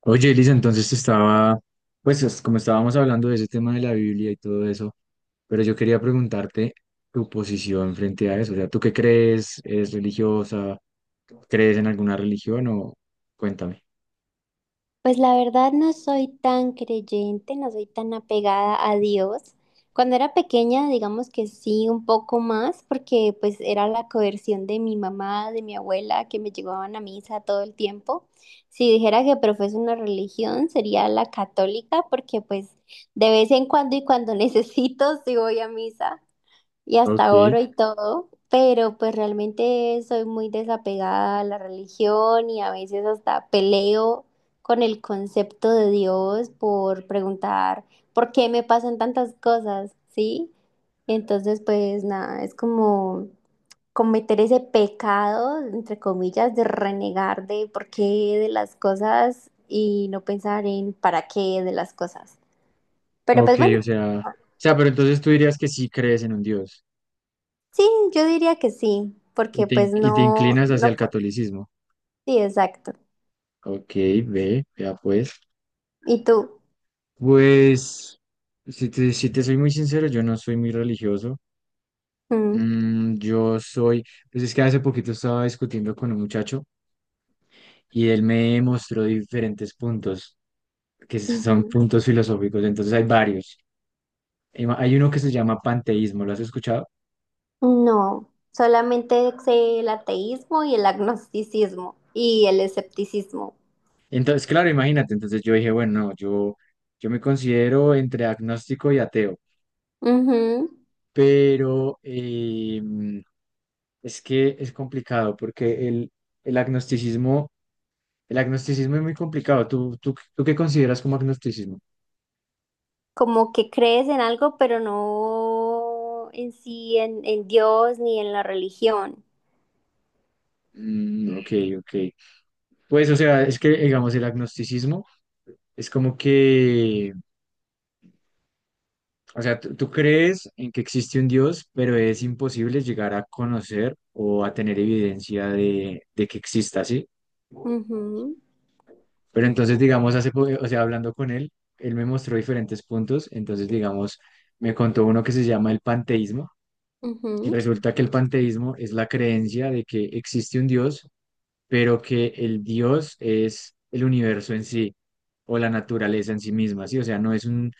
Oye, Elisa, entonces estaba, pues como estábamos hablando de ese tema de la Biblia y todo eso, pero yo quería preguntarte tu posición frente a eso. O sea, ¿tú qué crees? ¿Eres religiosa? ¿Crees en alguna religión o cuéntame? Pues la verdad no soy tan creyente, no soy tan apegada a Dios. Cuando era pequeña, digamos que sí, un poco más, porque pues era la coerción de mi mamá, de mi abuela, que me llevaban a misa todo el tiempo. Si dijera que profeso una religión, sería la católica, porque pues de vez en cuando y cuando necesito, sí voy a misa y Ok, hasta oro y todo, pero pues realmente soy muy desapegada a la religión y a veces hasta peleo con el concepto de Dios por preguntar por qué me pasan tantas cosas, ¿sí? Entonces, pues nada, es como cometer ese pecado, entre comillas, de renegar de por qué de las cosas y no pensar en para qué de las cosas. Pero ok, pues bueno. o sea, pero entonces tú dirías que sí crees en un Dios Sí, yo diría que sí, y porque pues y te no, inclinas hacia no, el catolicismo. sí, exacto. Ok, ve, ya pues. ¿Y tú? Pues, si te soy muy sincero, yo no soy muy religioso. Mm, Mm, pues es que hace poquito estaba discutiendo con un muchacho y él me mostró diferentes puntos, que son ujú. puntos filosóficos, entonces hay varios. Hay uno que se llama panteísmo, ¿lo has escuchado? No, solamente sé el ateísmo y el agnosticismo y el escepticismo. Entonces, claro, imagínate, entonces yo dije, bueno, no, yo me considero entre agnóstico y ateo, Ujú. pero es que es complicado porque el agnosticismo, el agnosticismo es muy complicado. Tú qué consideras como agnosticismo? Como que crees en algo, pero no en sí, en Dios ni en la religión. Mm, ok, ok. Pues, o sea, es que, digamos, el agnosticismo es como que, o sea, tú crees en que existe un Dios, pero es imposible llegar a conocer o a tener evidencia de que exista, ¿sí? Ujú, Pero entonces, digamos, o sea, hablando con él, él me mostró diferentes puntos, entonces, digamos, me contó uno que se llama el panteísmo, y resulta que el panteísmo es la creencia de que existe un Dios, pero que el Dios es el universo en sí o la naturaleza en sí misma, ¿sí? O sea, no es un-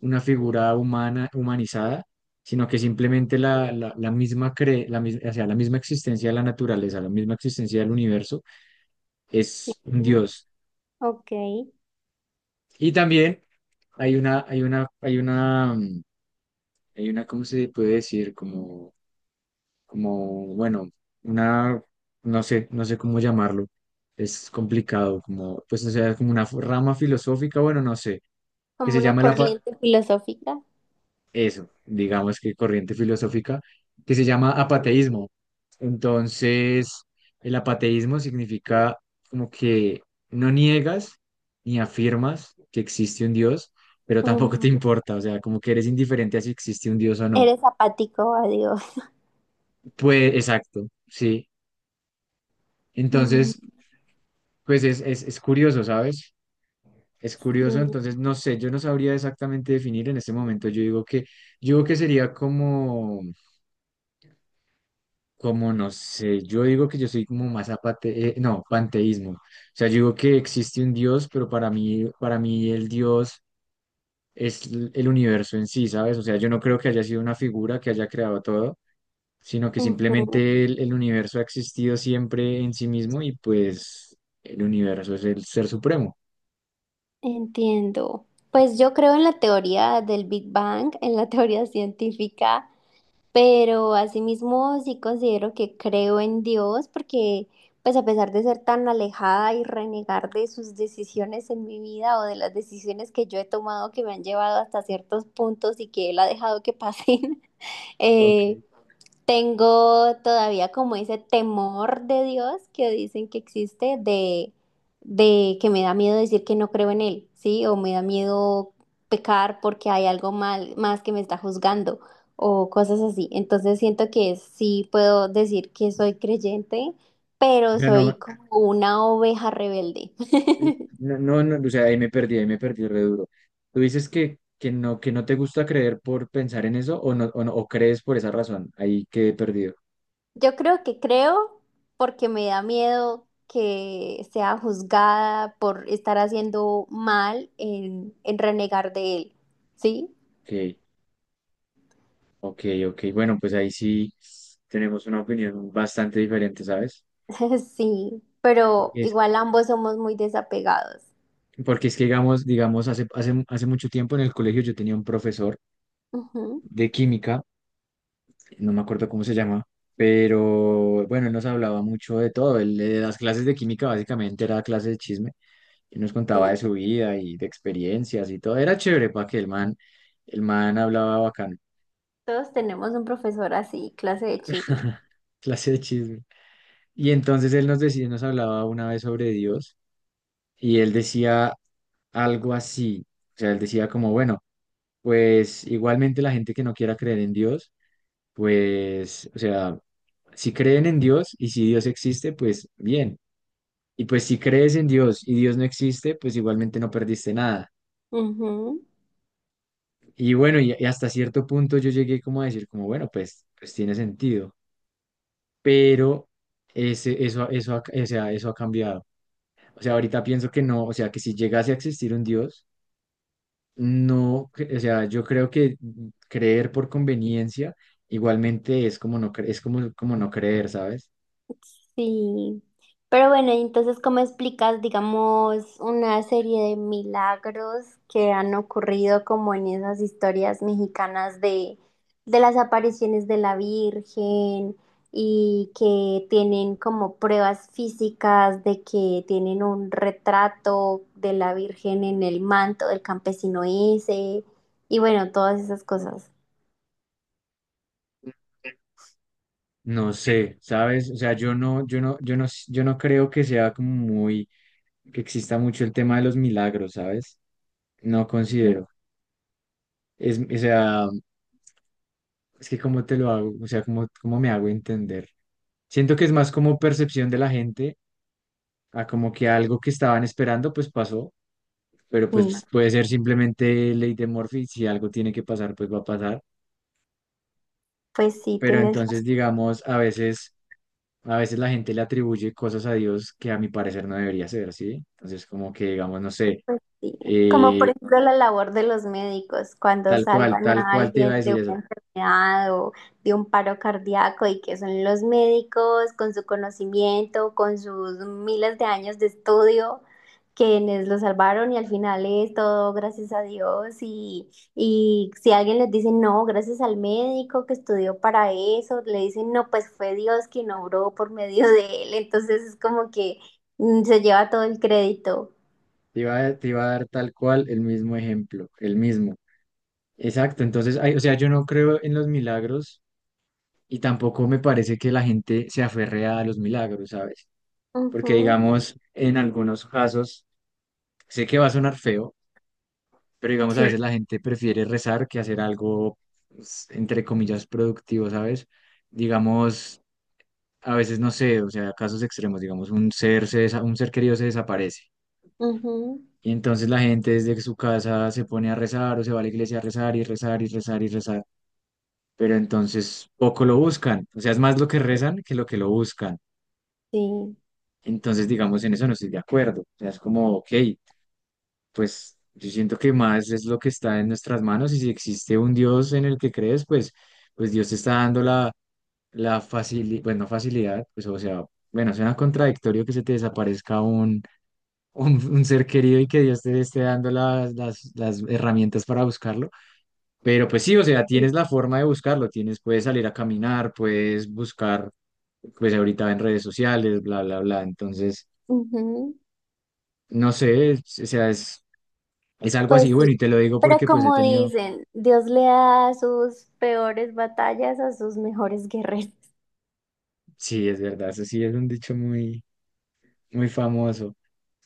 una figura humana, humanizada, sino que simplemente la misma o sea, la misma existencia de la naturaleza, la misma existencia del universo es un ujú. Dios. Ok, Y también hay una, hay una, ¿cómo se puede decir? Como bueno, una, no sé, no sé cómo llamarlo, es complicado, como, pues, o sea, como una rama filosófica, bueno, no sé, que como se una llama el apa- corriente filosófica. eso, digamos que corriente filosófica, que se llama apateísmo. Entonces, el apateísmo significa como que no niegas ni afirmas que existe un Dios, pero tampoco te Ujú. importa, o sea, como que eres indiferente a si existe un Dios o no. Eres apático a Dios. Pues, exacto, sí. Mm, Entonces, pues es curioso, ¿sabes? Es curioso, sí. entonces no sé, yo no sabría exactamente definir en este momento. Yo digo yo digo que sería como, como no sé, yo digo que yo soy como más apate, no, panteísmo. O sea, yo digo que existe un Dios, pero para mí el Dios el universo en sí, ¿sabes? O sea, yo no creo que haya sido una figura que haya creado todo, sino que Ujú. simplemente el universo ha existido siempre en sí mismo y pues el universo es el ser supremo. Entiendo. Pues yo creo en la teoría del Big Bang, en la teoría científica, pero asimismo sí considero que creo en Dios porque pues a pesar de ser tan alejada y renegar de sus decisiones en mi vida o de las decisiones que yo he tomado que me han llevado hasta ciertos puntos y que Él ha dejado que pasen, Ok. eh, tengo todavía como ese temor de Dios que dicen que existe de que me da miedo decir que no creo en Él, ¿sí? O me da miedo pecar porque hay algo mal, más que me está juzgando o cosas así. Entonces siento que sí puedo decir que soy creyente, O pero sea, soy no, como una oveja rebelde. No, o sea, ahí me perdí re duro. Tú dices que no te gusta creer por pensar en eso o no, o no, o crees por esa razón. Ahí quedé perdido. Yo creo que creo porque me da miedo que sea juzgada por estar haciendo mal en, renegar de él, ¿sí? Ok, ok. Bueno, pues ahí sí tenemos una opinión bastante diferente, ¿sabes? Sí, pero Porque es, igual ambos somos muy desapegados. porque es que, digamos, hace mucho tiempo en el colegio yo tenía un profesor Ujú, de química, no me acuerdo cómo se llama, pero bueno, él nos hablaba mucho de todo. Él, las clases de química básicamente era clase de chisme y nos contaba sí, de su vida y de experiencias y todo. Era chévere para que el man hablaba bacano, todos tenemos un profesor así, clase de chisme. clase de chisme. Y entonces él nos decía, nos hablaba una vez sobre Dios y él decía algo así, o sea, él decía como, bueno, pues igualmente la gente que no quiera creer en Dios, pues, o sea, si creen en Dios y si Dios existe, pues bien. Y pues si crees en Dios y Dios no existe, pues igualmente no perdiste nada. Ujú. Y bueno, y hasta cierto punto yo llegué como a decir, como, bueno, pues, pues tiene sentido, pero o sea, eso ha cambiado. O sea, ahorita pienso que no, o sea, que si llegase a existir un Dios, no, cre- o sea, yo creo que creer por conveniencia igualmente es como no, cre- es como, como no creer, ¿sabes? Sí, pero bueno, y entonces, ¿cómo explicas, digamos, una serie de milagros que han ocurrido como en esas historias mexicanas de, las apariciones de la Virgen y que tienen como pruebas físicas de que tienen un retrato de la Virgen en el manto del campesino ese y bueno, todas esas cosas? No sé, ¿sabes? O sea, yo no creo que sea como muy, que exista mucho el tema de los milagros, ¿sabes? No considero. Es, o sea, es que cómo te lo hago, o sea, cómo me hago entender. Siento que es más como percepción de la gente a como que algo que estaban esperando pues pasó, pero Sí, pues puede ser simplemente ley de Murphy, si algo tiene que pasar pues va a pasar. pues sí, Pero tienes razón. entonces digamos, a veces la gente le atribuye cosas a Dios que a mi parecer no debería ser, ¿sí? Entonces como que digamos, no sé, Sí, como eh, por ejemplo la labor de los médicos cuando salvan tal a cual te iba alguien a decir de eso. una enfermedad o de un paro cardíaco y que son los médicos con su conocimiento, con sus miles de años de estudio, quienes lo salvaron y al final es todo gracias a Dios y si alguien les dice no, gracias al médico que estudió para eso, le dicen no, pues fue Dios quien obró por medio de él, entonces es como que mm, se lleva todo el crédito. Te iba a dar tal cual el mismo ejemplo, el mismo. Exacto, entonces, ay, o sea, yo no creo en los milagros y tampoco me parece que la gente se aferre a los milagros, ¿sabes? Porque Ujú, digamos, en algunos casos, sé que va a sonar feo, pero digamos, a Sí. veces la gente prefiere rezar que hacer algo, pues, entre comillas, productivo, ¿sabes? Digamos, a veces no sé, o sea, casos extremos, digamos, un ser querido se desaparece. Ujú, Y entonces la gente desde su casa se pone a rezar o se va a la iglesia a rezar y rezar y rezar y rezar. Pero entonces poco lo buscan. O sea, es más lo que rezan que lo buscan. sí. Entonces, digamos, en eso no estoy de acuerdo. O sea, es como, ok, pues yo siento que más es lo que está en nuestras manos y si existe un Dios en el que crees, pues, pues Dios te está dando la facilidad, bueno, no facilidad, pues, o sea, bueno, suena contradictorio que se te desaparezca un ser querido y que Dios te esté dando las herramientas para buscarlo. Pero pues sí, o sea, Sí. tienes la forma de buscarlo, tienes, puedes salir a caminar, puedes buscar, pues ahorita en redes sociales, bla, bla, bla. Entonces... Ujú. No sé, o sea, es algo Pues así, sí, bueno, y te lo digo pero porque pues he como tenido, dicen, Dios le da sus peores batallas a sus mejores guerreros. sí, es verdad, eso sí es un dicho muy, muy famoso.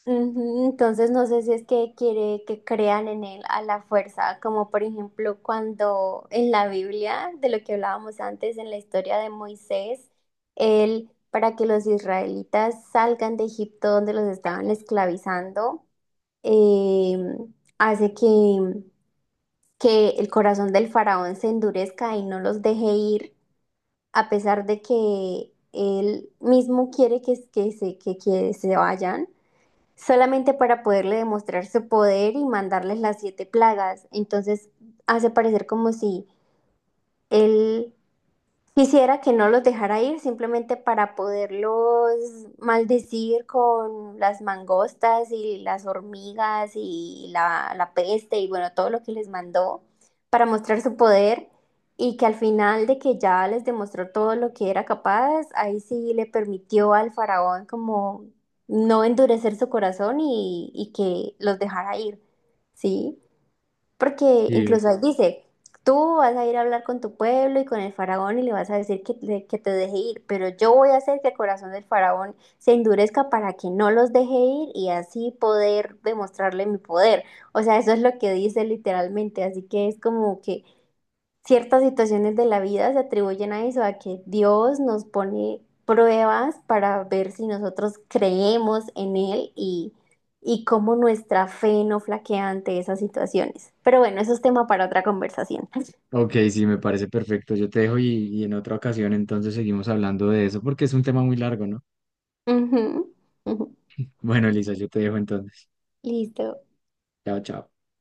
Ujú. Entonces no sé si es que quiere que crean en él a la fuerza, como por ejemplo cuando en la Biblia, de lo que hablábamos antes en la historia de Moisés, él, para que los israelitas salgan de Egipto donde los estaban esclavizando, em, hace que el corazón del faraón se endurezca y no los deje ir, a pesar de que él mismo quiere que se vayan, solamente para poderle demostrar su poder y mandarles las siete plagas. Entonces hace parecer como si él quisiera que no los dejara ir simplemente para poderlos maldecir con las mangostas y las hormigas y la peste y bueno, todo lo que les mandó para mostrar su poder y que al final de que ya les demostró todo lo que era capaz, ahí sí le permitió al faraón como no endurecer su corazón y que los dejara ir, ¿sí? Porque Sí, incluso ahí dice, tú vas a ir a hablar con tu pueblo y con el faraón y le vas a decir que, que te deje ir, pero yo voy a hacer que el corazón del faraón se endurezca para que no los deje ir y así poder demostrarle mi poder. O sea, eso es lo que dice literalmente, así que es como que ciertas situaciones de la vida se atribuyen a eso, a que Dios nos pone pruebas para ver si nosotros creemos en Él y cómo nuestra fe no flaquea ante esas situaciones. Pero bueno, eso es tema para otra conversación. ok, sí, me parece perfecto. Yo te dejo y en otra ocasión entonces seguimos hablando de eso porque es un tema muy largo, ¿no? Ujú, ujú. Bueno, Elisa, yo te dejo entonces. Listo. Chao, chao.